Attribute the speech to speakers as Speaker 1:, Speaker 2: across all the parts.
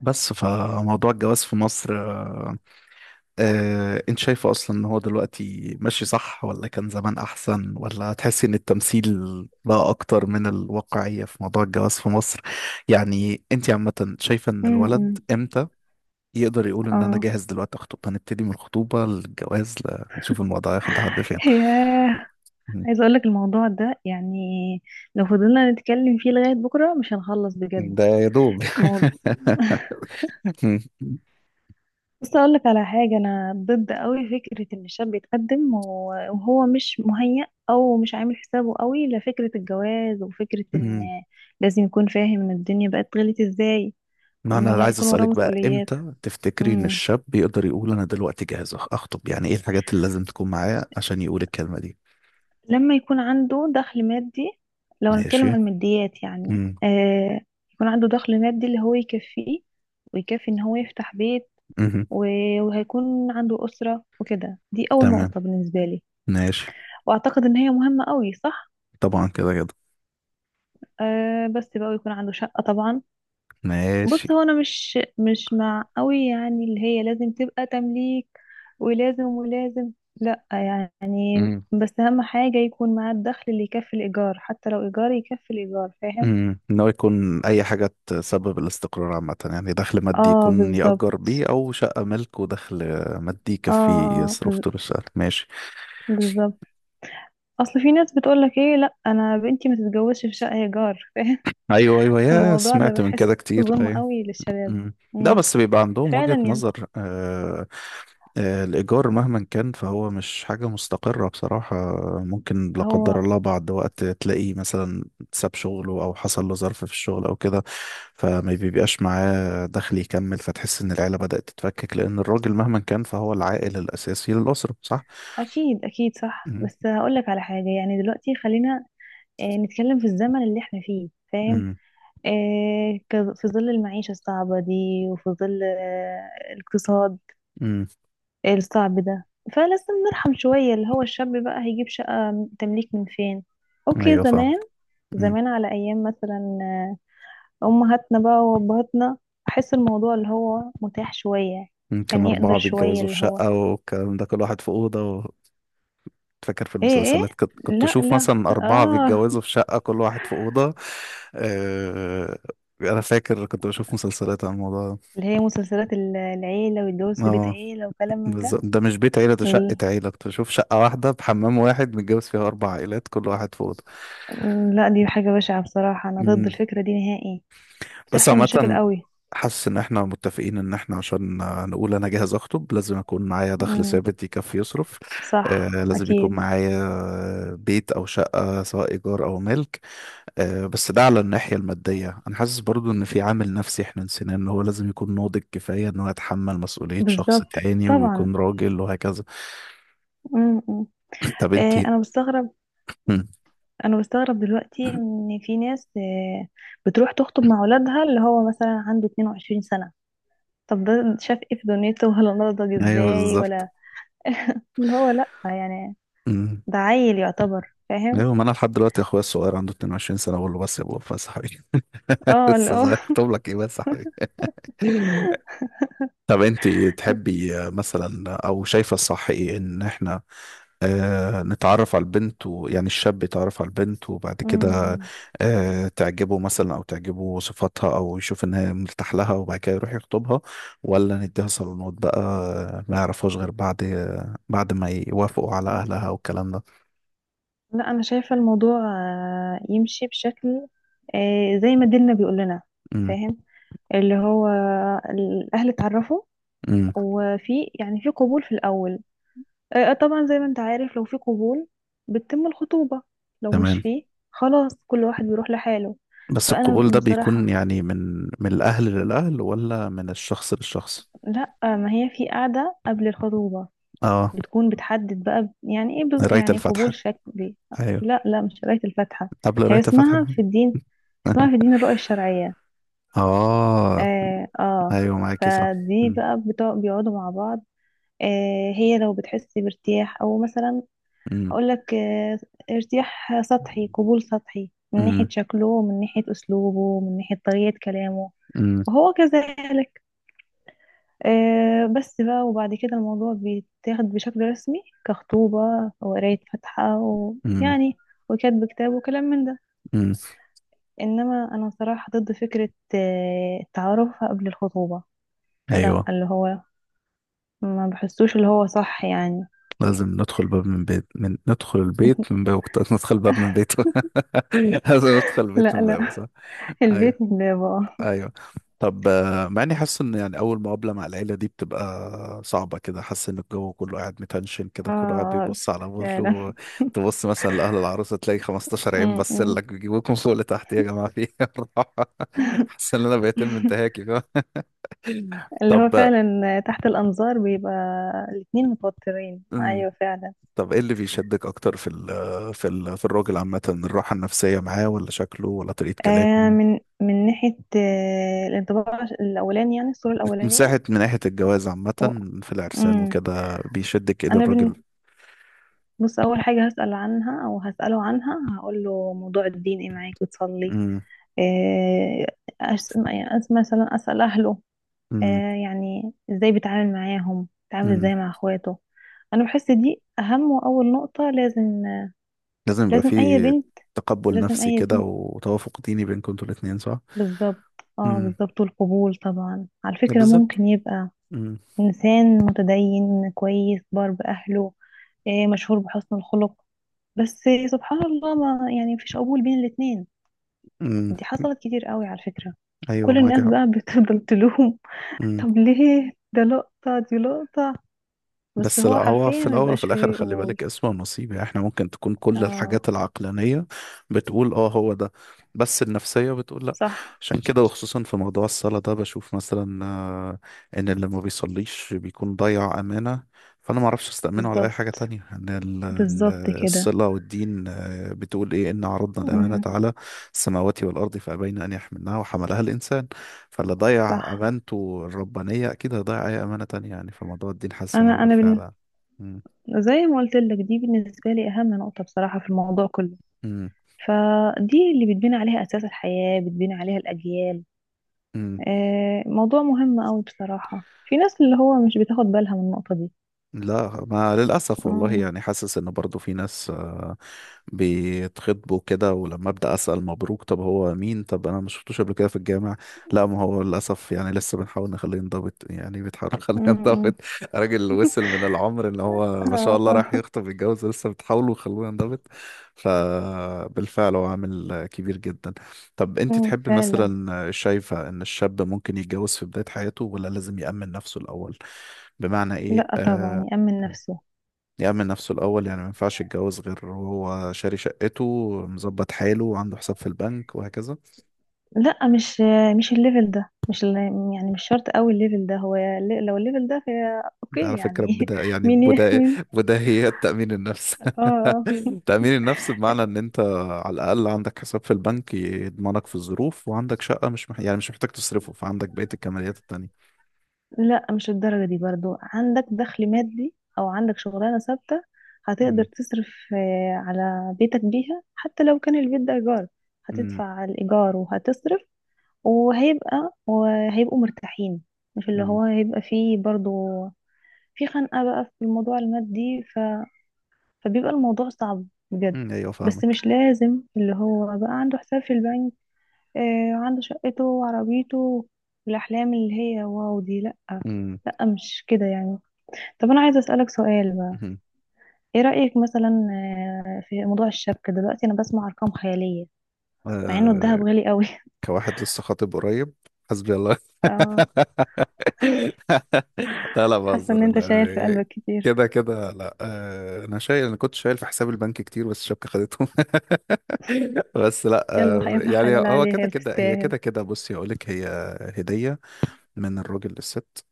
Speaker 1: بس فموضوع الجواز في مصر انت شايفه اصلا ان هو دلوقتي ماشي صح ولا كان زمان احسن ولا تحسي ان التمثيل بقى اكتر من الواقعية في موضوع الجواز في مصر؟ يعني انت عامة شايفة ان الولد
Speaker 2: امم.
Speaker 1: امتى يقدر يقول ان انا
Speaker 2: اه.
Speaker 1: جاهز دلوقتي اخطب؟ هنبتدي من الخطوبة للجواز لتشوف الموضوع هياخد لحد فين.
Speaker 2: ياه.
Speaker 1: مم.
Speaker 2: عايزه اقول لك الموضوع ده، يعني لو فضلنا نتكلم فيه لغايه بكره مش هنخلص بجد.
Speaker 1: ده يا دوب.
Speaker 2: مو... بس اقول لك على حاجه، انا ضد قوي فكره ان الشاب يتقدم و- وهو مش مهيأ او مش عامل حسابه قوي لفكره الجواز، وفكره ان
Speaker 1: مم.
Speaker 2: لازم يكون فاهم ان الدنيا بقت غلت ازاي،
Speaker 1: ما
Speaker 2: وانه
Speaker 1: انا عايز
Speaker 2: هيكون وراه
Speaker 1: اسالك بقى،
Speaker 2: مسؤوليات.
Speaker 1: امتى تفتكري ان
Speaker 2: امم.
Speaker 1: الشاب بيقدر يقول انا دلوقتي جاهز اخطب؟ يعني ايه الحاجات اللي لازم تكون معاه عشان يقول الكلمه دي؟
Speaker 2: لما يكون عنده دخل مادي، لو نتكلم عن
Speaker 1: ماشي.
Speaker 2: الماديات يعني
Speaker 1: امم.
Speaker 2: يكون عنده دخل مادي اللي هو يكفيه، ويكفي ان هو يفتح بيت.
Speaker 1: امم.
Speaker 2: و- وهيكون عنده أسرة وكده، دي أول
Speaker 1: تمام.
Speaker 2: نقطة بالنسبة لي،
Speaker 1: ماشي.
Speaker 2: وأعتقد ان هي مهمة قوي، صح؟
Speaker 1: طبعا كده كده.
Speaker 2: بس بقى يكون عنده شقة طبعا.
Speaker 1: ماشي.
Speaker 2: بص، هو انا مش مع قوي يعني اللي هي لازم تبقى تمليك، ولازم ولازم. لا يعني،
Speaker 1: امم.
Speaker 2: بس أهم حاجة يكون معاه الدخل اللي يكفي الإيجار، حتى لو إيجار يكفي الإيجار، فاهم؟
Speaker 1: امم. ان هو يكون اي حاجه تسبب الاستقرار عامه، يعني دخل مادي
Speaker 2: اه،
Speaker 1: يكون
Speaker 2: بالظبط.
Speaker 1: يأجر بيه او شقه ملك، ودخل مادي
Speaker 2: اه،
Speaker 1: يكفيه يصرف طول الشهر. ماشي.
Speaker 2: بالظبط. اصل في ناس بتقولك: ايه، لا انا بنتي ما تتجوزش في شقه ايجار، فاهم؟
Speaker 1: ايوه ايوه، يا
Speaker 2: فالموضوع ده
Speaker 1: سمعت من كده
Speaker 2: بحسه
Speaker 1: كتير،
Speaker 2: ظلم
Speaker 1: أيوه.
Speaker 2: قوي للشباب.
Speaker 1: مم. لا
Speaker 2: امم.
Speaker 1: بس بيبقى عندهم
Speaker 2: فعلا
Speaker 1: وجهة
Speaker 2: يعني.
Speaker 1: نظر. آه آه الإيجار مهما كان فهو مش حاجة مستقرة بصراحة. ممكن لا
Speaker 2: هو،
Speaker 1: قدر الله بعد وقت تلاقيه مثلا ساب شغله أو حصل له ظرف في الشغل أو كده، فما بيبقاش معاه دخل يكمل، فتحس إن العيلة بدأت تتفكك، لأن الراجل مهما كان فهو العائل الأساسي للأسرة، صح؟
Speaker 2: اكيد اكيد صح،
Speaker 1: مم.
Speaker 2: بس هقولك على حاجه، يعني دلوقتي خلينا نتكلم في الزمن اللي احنا فيه، فاهم؟
Speaker 1: مم.
Speaker 2: في ظل المعيشه الصعبه دي، وفي ظل الاقتصاد
Speaker 1: مم.
Speaker 2: الصعب ده. فلازم نرحم شويه، اللي هو الشاب بقى هيجيب شقه تمليك من فين؟ اوكي،
Speaker 1: أيوه فاهم.
Speaker 2: زمان،
Speaker 1: مم.
Speaker 2: زمان على أيام مثلا أمهاتنا بقى وأبهاتنا، أحس الموضوع اللي هو متاح شوية،
Speaker 1: مم. كان
Speaker 2: كان يقدر
Speaker 1: أربعة
Speaker 2: شوية
Speaker 1: بيتجوزوا في
Speaker 2: اللي هو.
Speaker 1: شقة والكلام ده، كل واحد في أوضة. فاكر في
Speaker 2: إيه إيه.
Speaker 1: المسلسلات كنت
Speaker 2: لا
Speaker 1: اشوف
Speaker 2: لا.
Speaker 1: مثلا اربعه
Speaker 2: آه.
Speaker 1: بيتجوزوا في شقه، كل واحد في اوضه. آه، انا فاكر كنت بشوف مسلسلات عن الموضوع ده.
Speaker 2: اللي هي مسلسلات العيلة والجواز في بيت
Speaker 1: اه
Speaker 2: عيلة وكلام من ده.
Speaker 1: بالظبط، ده مش بيت عيله، ده شقه
Speaker 2: ال-
Speaker 1: عيله، كنت بشوف شقه واحده بحمام واحد متجوز فيها اربع عائلات، كل واحد في اوضه.
Speaker 2: لا، دي حاجة بشعة بصراحة، أنا ضد
Speaker 1: مم.
Speaker 2: الفكرة دي نهائي.
Speaker 1: بس
Speaker 2: بتحصل مشاكل
Speaker 1: عامه
Speaker 2: قوي.
Speaker 1: حاسس ان احنا متفقين ان احنا عشان نقول انا جاهز اخطب لازم اكون معايا دخل
Speaker 2: امم.
Speaker 1: ثابت يكفي يصرف. آه
Speaker 2: صح،
Speaker 1: لازم يكون
Speaker 2: أكيد.
Speaker 1: معايا بيت او شقة سواء ايجار او ملك. آه، بس ده على الناحية المادية، أنا حاسس برضو إن في عامل نفسي إحنا نسيناه، إن هو لازم يكون ناضج كفاية إن هو يتحمل مسؤولية شخص
Speaker 2: بالظبط،
Speaker 1: تاني
Speaker 2: طبعا.
Speaker 1: ويكون راجل وهكذا.
Speaker 2: امم.
Speaker 1: طب أنتي؟
Speaker 2: أنا بستغرب،
Speaker 1: مم.
Speaker 2: انا بستغرب دلوقتي ان في ناس بتروح تخطب مع ولادها اللي هو مثلا عنده 22 سنة، طب ده شاف ايه في دنيته، ولا نضج
Speaker 1: أيوه
Speaker 2: ازاي،
Speaker 1: بالظبط.
Speaker 2: ولا اللي هو، لا يعني،
Speaker 1: مم.
Speaker 2: ده عيل يعتبر، فاهم؟
Speaker 1: أيوه ما أنا لحد دلوقتي أخويا الصغير عنده 22 سنة، بقول له بس يا بابا، بس يا حبيبي،
Speaker 2: اه، اللي
Speaker 1: لسه
Speaker 2: هو
Speaker 1: صغير، أخطب لك إيه بس يا حبيبي. طب أنتي تحبي آه، مثلا، أو شايفة الصح إيه؟ إن إحنا آه نتعرف على البنت، ويعني الشاب يتعرف على البنت وبعد كده
Speaker 2: أمم.
Speaker 1: آه تعجبه مثلا او تعجبه صفاتها او يشوف انها مرتاح لها وبعد كده يروح يخطبها؟ ولا نديها صالونات بقى، آه، ما يعرفهاش غير بعد آه، بعد ما يوافقوا على اهلها والكلام ده؟
Speaker 2: لا، انا شايفة الموضوع يمشي بشكل زي ما ديننا بيقول لنا،
Speaker 1: امم.
Speaker 2: فاهم؟ اللي هو الاهل اتعرفوا،
Speaker 1: امم.
Speaker 2: وفي يعني في قبول في الاول، طبعا زي ما انت عارف، لو في قبول بتتم الخطوبة، لو مش
Speaker 1: تمام.
Speaker 2: فيه خلاص كل واحد بيروح لحاله.
Speaker 1: بس القبول
Speaker 2: فأنا
Speaker 1: ده بيكون
Speaker 2: بصراحة،
Speaker 1: يعني من الاهل للاهل، ولا من الشخص للشخص؟
Speaker 2: لا، ما هي في قاعدة قبل الخطوبة،
Speaker 1: اه.
Speaker 2: بتكون بتحدد بقى يعني ايه،
Speaker 1: قراية
Speaker 2: يعني
Speaker 1: الفاتحة؟
Speaker 2: قبول شكلي.
Speaker 1: ايوه.
Speaker 2: لا لا، مش قراية الفاتحة.
Speaker 1: قبل
Speaker 2: هي
Speaker 1: قراية الفاتحة
Speaker 2: اسمها في
Speaker 1: كمان.
Speaker 2: الدين، اسمها في دين الرؤية الشرعية.
Speaker 1: اه.
Speaker 2: اه، آه.
Speaker 1: ايوه معاكي صح.
Speaker 2: فدي
Speaker 1: امم.
Speaker 2: بقى بيقعدوا مع بعض. آه، هي لو بتحس بارتياح او مثلا، هقولك ارتياح سطحي،
Speaker 1: امم.
Speaker 2: قبول سطحي، من ناحية
Speaker 1: امم.
Speaker 2: شكله ومن ناحية أسلوبه ومن ناحية طريقة كلامه،
Speaker 1: امم.
Speaker 2: وهو كذلك. بس بقى، وبعد كده الموضوع بيتاخد بشكل رسمي كخطوبة، وقراية فاتحة،
Speaker 1: امم.
Speaker 2: ويعني وكتب كتاب وكلام من ده.
Speaker 1: امم.
Speaker 2: إنما أنا صراحة ضد فكرة التعارف قبل الخطوبة. لا،
Speaker 1: ايوه
Speaker 2: اللي هو ما بحسوش اللي هو صح يعني.
Speaker 1: لازم ندخل باب من بيت، من ندخل البيت من بابه، كنت ندخل باب من بيته. لازم ندخل
Speaker 2: لا
Speaker 1: البيت من
Speaker 2: لا،
Speaker 1: بابه، صح. ايوه.
Speaker 2: البيت ده بقى.
Speaker 1: ايوه. طب، آه، مع اني حاسس ان يعني اول مقابله مع العيله دي بتبقى صعبه كده، حاسس ان الجو كله قاعد متنشن
Speaker 2: اه،
Speaker 1: كده، كله قاعد بيبص على
Speaker 2: فعلا.
Speaker 1: بره. تبص مثلا لاهل العروسه تلاقي 15 عين
Speaker 2: م-
Speaker 1: بس
Speaker 2: م.
Speaker 1: لك بيجيبوكم فوق لتحت، يا جماعه في إيه؟ حاسس ان انا بيتم انتهاكي.
Speaker 2: اللي هو
Speaker 1: فاهم.
Speaker 2: فعلا، تحت الأنظار بيبقى الاتنين متوترين،
Speaker 1: طب
Speaker 2: أيوة فعلا.
Speaker 1: طب ايه اللي بيشدك اكتر في ال في الراجل عامة؟ الراحة النفسية معاه، ولا شكله، ولا طريقة كلامه؟
Speaker 2: من من ناحية الانطباع الأولاني، يعني الصورة
Speaker 1: من
Speaker 2: الأولانية
Speaker 1: ساعة من ناحية الجواز عامة،
Speaker 2: و...
Speaker 1: في العرسان
Speaker 2: مم.
Speaker 1: وكده بيشدك ايه
Speaker 2: أنا بن...
Speaker 1: للراجل؟
Speaker 2: بص، أول حاجة هسأل عنها أو هسأله عنها، هقول له: موضوع الدين إيه معاك، بتصلي؟
Speaker 1: امم.
Speaker 2: آه يعني مثلا أسأل أهله،
Speaker 1: امم.
Speaker 2: آه يعني إزاي بيتعامل معاهم، بيتعامل إزاي
Speaker 1: امم.
Speaker 2: مع إخواته. أنا بحس دي أهم وأول نقطة، لازم،
Speaker 1: لازم يبقى
Speaker 2: لازم اي
Speaker 1: فيه
Speaker 2: بنت،
Speaker 1: تقبل
Speaker 2: لازم
Speaker 1: نفسي
Speaker 2: اي
Speaker 1: كده،
Speaker 2: بنت،
Speaker 1: وتوافق ديني بينكم انتوا الاتنين، صح؟
Speaker 2: بالظبط. اه،
Speaker 1: امم.
Speaker 2: بالظبط، والقبول طبعا على
Speaker 1: ده
Speaker 2: فكرة
Speaker 1: بالظبط.
Speaker 2: ممكن يبقى
Speaker 1: امم.
Speaker 2: انسان متدين كويس بار باهله، مشهور بحسن الخلق، بس سبحان الله، ما يعني مفيش قبول بين الاتنين.
Speaker 1: امم.
Speaker 2: دي حصلت كتير قوي على فكرة،
Speaker 1: ايوه
Speaker 2: كل
Speaker 1: معاك
Speaker 2: الناس
Speaker 1: حق.
Speaker 2: بقى بتفضل تلوم. طب ليه ده لقطة، دي لقطة. بس
Speaker 1: بس لا،
Speaker 2: هو
Speaker 1: هو
Speaker 2: حرفيا
Speaker 1: في
Speaker 2: ما
Speaker 1: الاول وفي
Speaker 2: بيبقاش
Speaker 1: الاخر
Speaker 2: فيه
Speaker 1: خلي
Speaker 2: قبول.
Speaker 1: بالك اسمه نصيب، يعني احنا ممكن تكون كل
Speaker 2: اه
Speaker 1: الحاجات العقلانيه بتقول اه هو ده، بس النفسيه بتقول لا.
Speaker 2: صح.
Speaker 1: عشان كده، وخصوصا في موضوع الصلاه ده، بشوف مثلا آه، ان اللي ما بيصليش بيكون ضيع امانه، فانا ما اعرفش استامنه على اي حاجه
Speaker 2: بالظبط،
Speaker 1: تانية، ان
Speaker 2: بالظبط كده.
Speaker 1: الصله والدين آه، بتقول ايه، ان عرضنا الامانه
Speaker 2: أمم،
Speaker 1: على السماوات والارض فابين ان يحملنها وحملها الانسان، فاللي ضيع
Speaker 2: صح.
Speaker 1: امانته الربانيه اكيد هيضيع اي امانه تانية، يعني فموضوع الدين حاسس ان هو
Speaker 2: انا
Speaker 1: بالفعل يعني. مم.
Speaker 2: زي ما قلت لك، دي بالنسبة لي أهم نقطة بصراحة في الموضوع كله.
Speaker 1: مم.
Speaker 2: فدي اللي بتبني عليها أساس الحياة، بتبني عليها الأجيال.
Speaker 1: مم.
Speaker 2: موضوع مهم أوي بصراحة، في ناس اللي هو مش بتاخد بالها من النقطة دي.
Speaker 1: لا ما للأسف والله،
Speaker 2: مم.
Speaker 1: يعني حاسس إن برضو في ناس آه، بيتخطبوا كده، ولما أبدأ أسأل مبروك طب هو مين، طب أنا ما شفتوش قبل كده في الجامع. لا ما هو للأسف يعني لسه بنحاول نخليه ينضبط، يعني بتحاول نخليه ينضبط.
Speaker 2: مم.
Speaker 1: راجل وصل من العمر إن هو ما شاء
Speaker 2: آه،
Speaker 1: الله راح
Speaker 2: آه.
Speaker 1: يخطب يتجوز، لسه بتحاولوا تخلوه ينضبط. فبالفعل هو عامل كبير جدا. طب أنت
Speaker 2: مم،
Speaker 1: تحبي
Speaker 2: فعلا.
Speaker 1: مثلا، شايفة إن الشاب ممكن يتجوز في بداية حياته، ولا لازم يأمن نفسه الأول؟ بمعنى ايه،
Speaker 2: لا
Speaker 1: آه،
Speaker 2: طبعا يأمن نفسه.
Speaker 1: يأمن نفسه الأول؟ يعني ما ينفعش يتجوز غير وهو شاري شقته، مظبط حاله، وعنده حساب في البنك وهكذا؟
Speaker 2: لا، مش الليفل ده، مش ال- يعني مش شرط قوي الليفل ده، هو لو الليفل ده فهي
Speaker 1: ده على
Speaker 2: اوكي
Speaker 1: فكرة
Speaker 2: يعني.
Speaker 1: بدا يعني
Speaker 2: مين
Speaker 1: بدا
Speaker 2: مين؟
Speaker 1: بداهيات تأمين النفس.
Speaker 2: اه، آه.
Speaker 1: تأمين النفس بمعنى إن أنت على الأقل عندك حساب في البنك يضمنك في الظروف، وعندك شقة، مش مح... يعني مش محتاج تصرفه، فعندك بقية الكماليات التانية.
Speaker 2: لا، مش الدرجة دي برضو. عندك دخل مادي أو عندك شغلانة ثابتة، هتقدر
Speaker 1: مم.
Speaker 2: تصرف على بيتك بيها، حتى لو كان البيت ده إيجار،
Speaker 1: مم.
Speaker 2: هتدفع الإيجار وهتصرف، وهيبقى وهيبقوا مرتاحين. مش اللي
Speaker 1: مم.
Speaker 2: هو هيبقى فيه برضو في خنقة بقى في الموضوع المادي، فبيبقى الموضوع صعب بجد.
Speaker 1: مم. أيوه
Speaker 2: بس
Speaker 1: فاهمك.
Speaker 2: مش لازم اللي هو بقى عنده حساب في البنك آه، وعنده شقته وعربيته، والأحلام اللي هي واو دي، لا،
Speaker 1: مم.
Speaker 2: لا مش كده يعني. طب انا عايزه اسالك سؤال بقى،
Speaker 1: مم.
Speaker 2: ايه رايك مثلا في موضوع الشبكه؟ دلوقتي انا بسمع ارقام خياليه، مع انه
Speaker 1: آه
Speaker 2: الذهب غالي قوي.
Speaker 1: كواحد لسه خاطب قريب، حسبي الله.
Speaker 2: اه،
Speaker 1: لا لا
Speaker 2: حاسه ان
Speaker 1: بهزر،
Speaker 2: انت شايل في
Speaker 1: لا.
Speaker 2: قلبك كتير.
Speaker 1: كده كده لا، آه، انا شايل، انا كنت شايل في حساب البنك كتير بس الشبكه خدتهم. بس لا،
Speaker 2: يلا
Speaker 1: آه،
Speaker 2: يلا
Speaker 1: يعني
Speaker 2: حلال
Speaker 1: هو
Speaker 2: عليها،
Speaker 1: كده
Speaker 2: يلا
Speaker 1: كده، هي
Speaker 2: تستاهل.
Speaker 1: كده كده، بصي اقول لك، هي هديه من الراجل للست.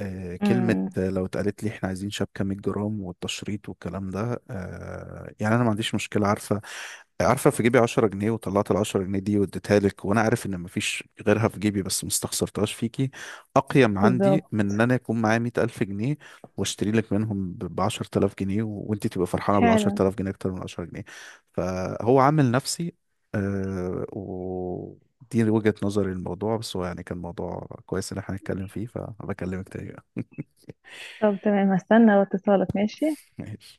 Speaker 1: آه، كلمة،
Speaker 2: امم،
Speaker 1: آه، لو اتقالت لي احنا عايزين شبكة 100 جرام والتشريط والكلام ده، آه، يعني انا ما عنديش مشكلة. عارفة عارفة، في جيبي 10 جنيه وطلعت ال 10 جنيه دي واديتها لك وانا عارف ان مفيش غيرها في جيبي بس ما استخسرتهاش فيكي، اقيم عندي
Speaker 2: بالظبط،
Speaker 1: من ان انا يكون معايا 100000 جنيه واشتري لك منهم ب 10,000 جنيه، وانت تبقى فرحانة بال
Speaker 2: فعلا.
Speaker 1: 10,000 جنيه اكتر من 10 جنيه. فهو عامل نفسي. آه، دي وجهة نظري للموضوع، بس هو يعني كان موضوع كويس ان احنا نتكلم فيه، فبكلمك تاني بقى.
Speaker 2: طب تمام، هستنى اتصالك ماشي.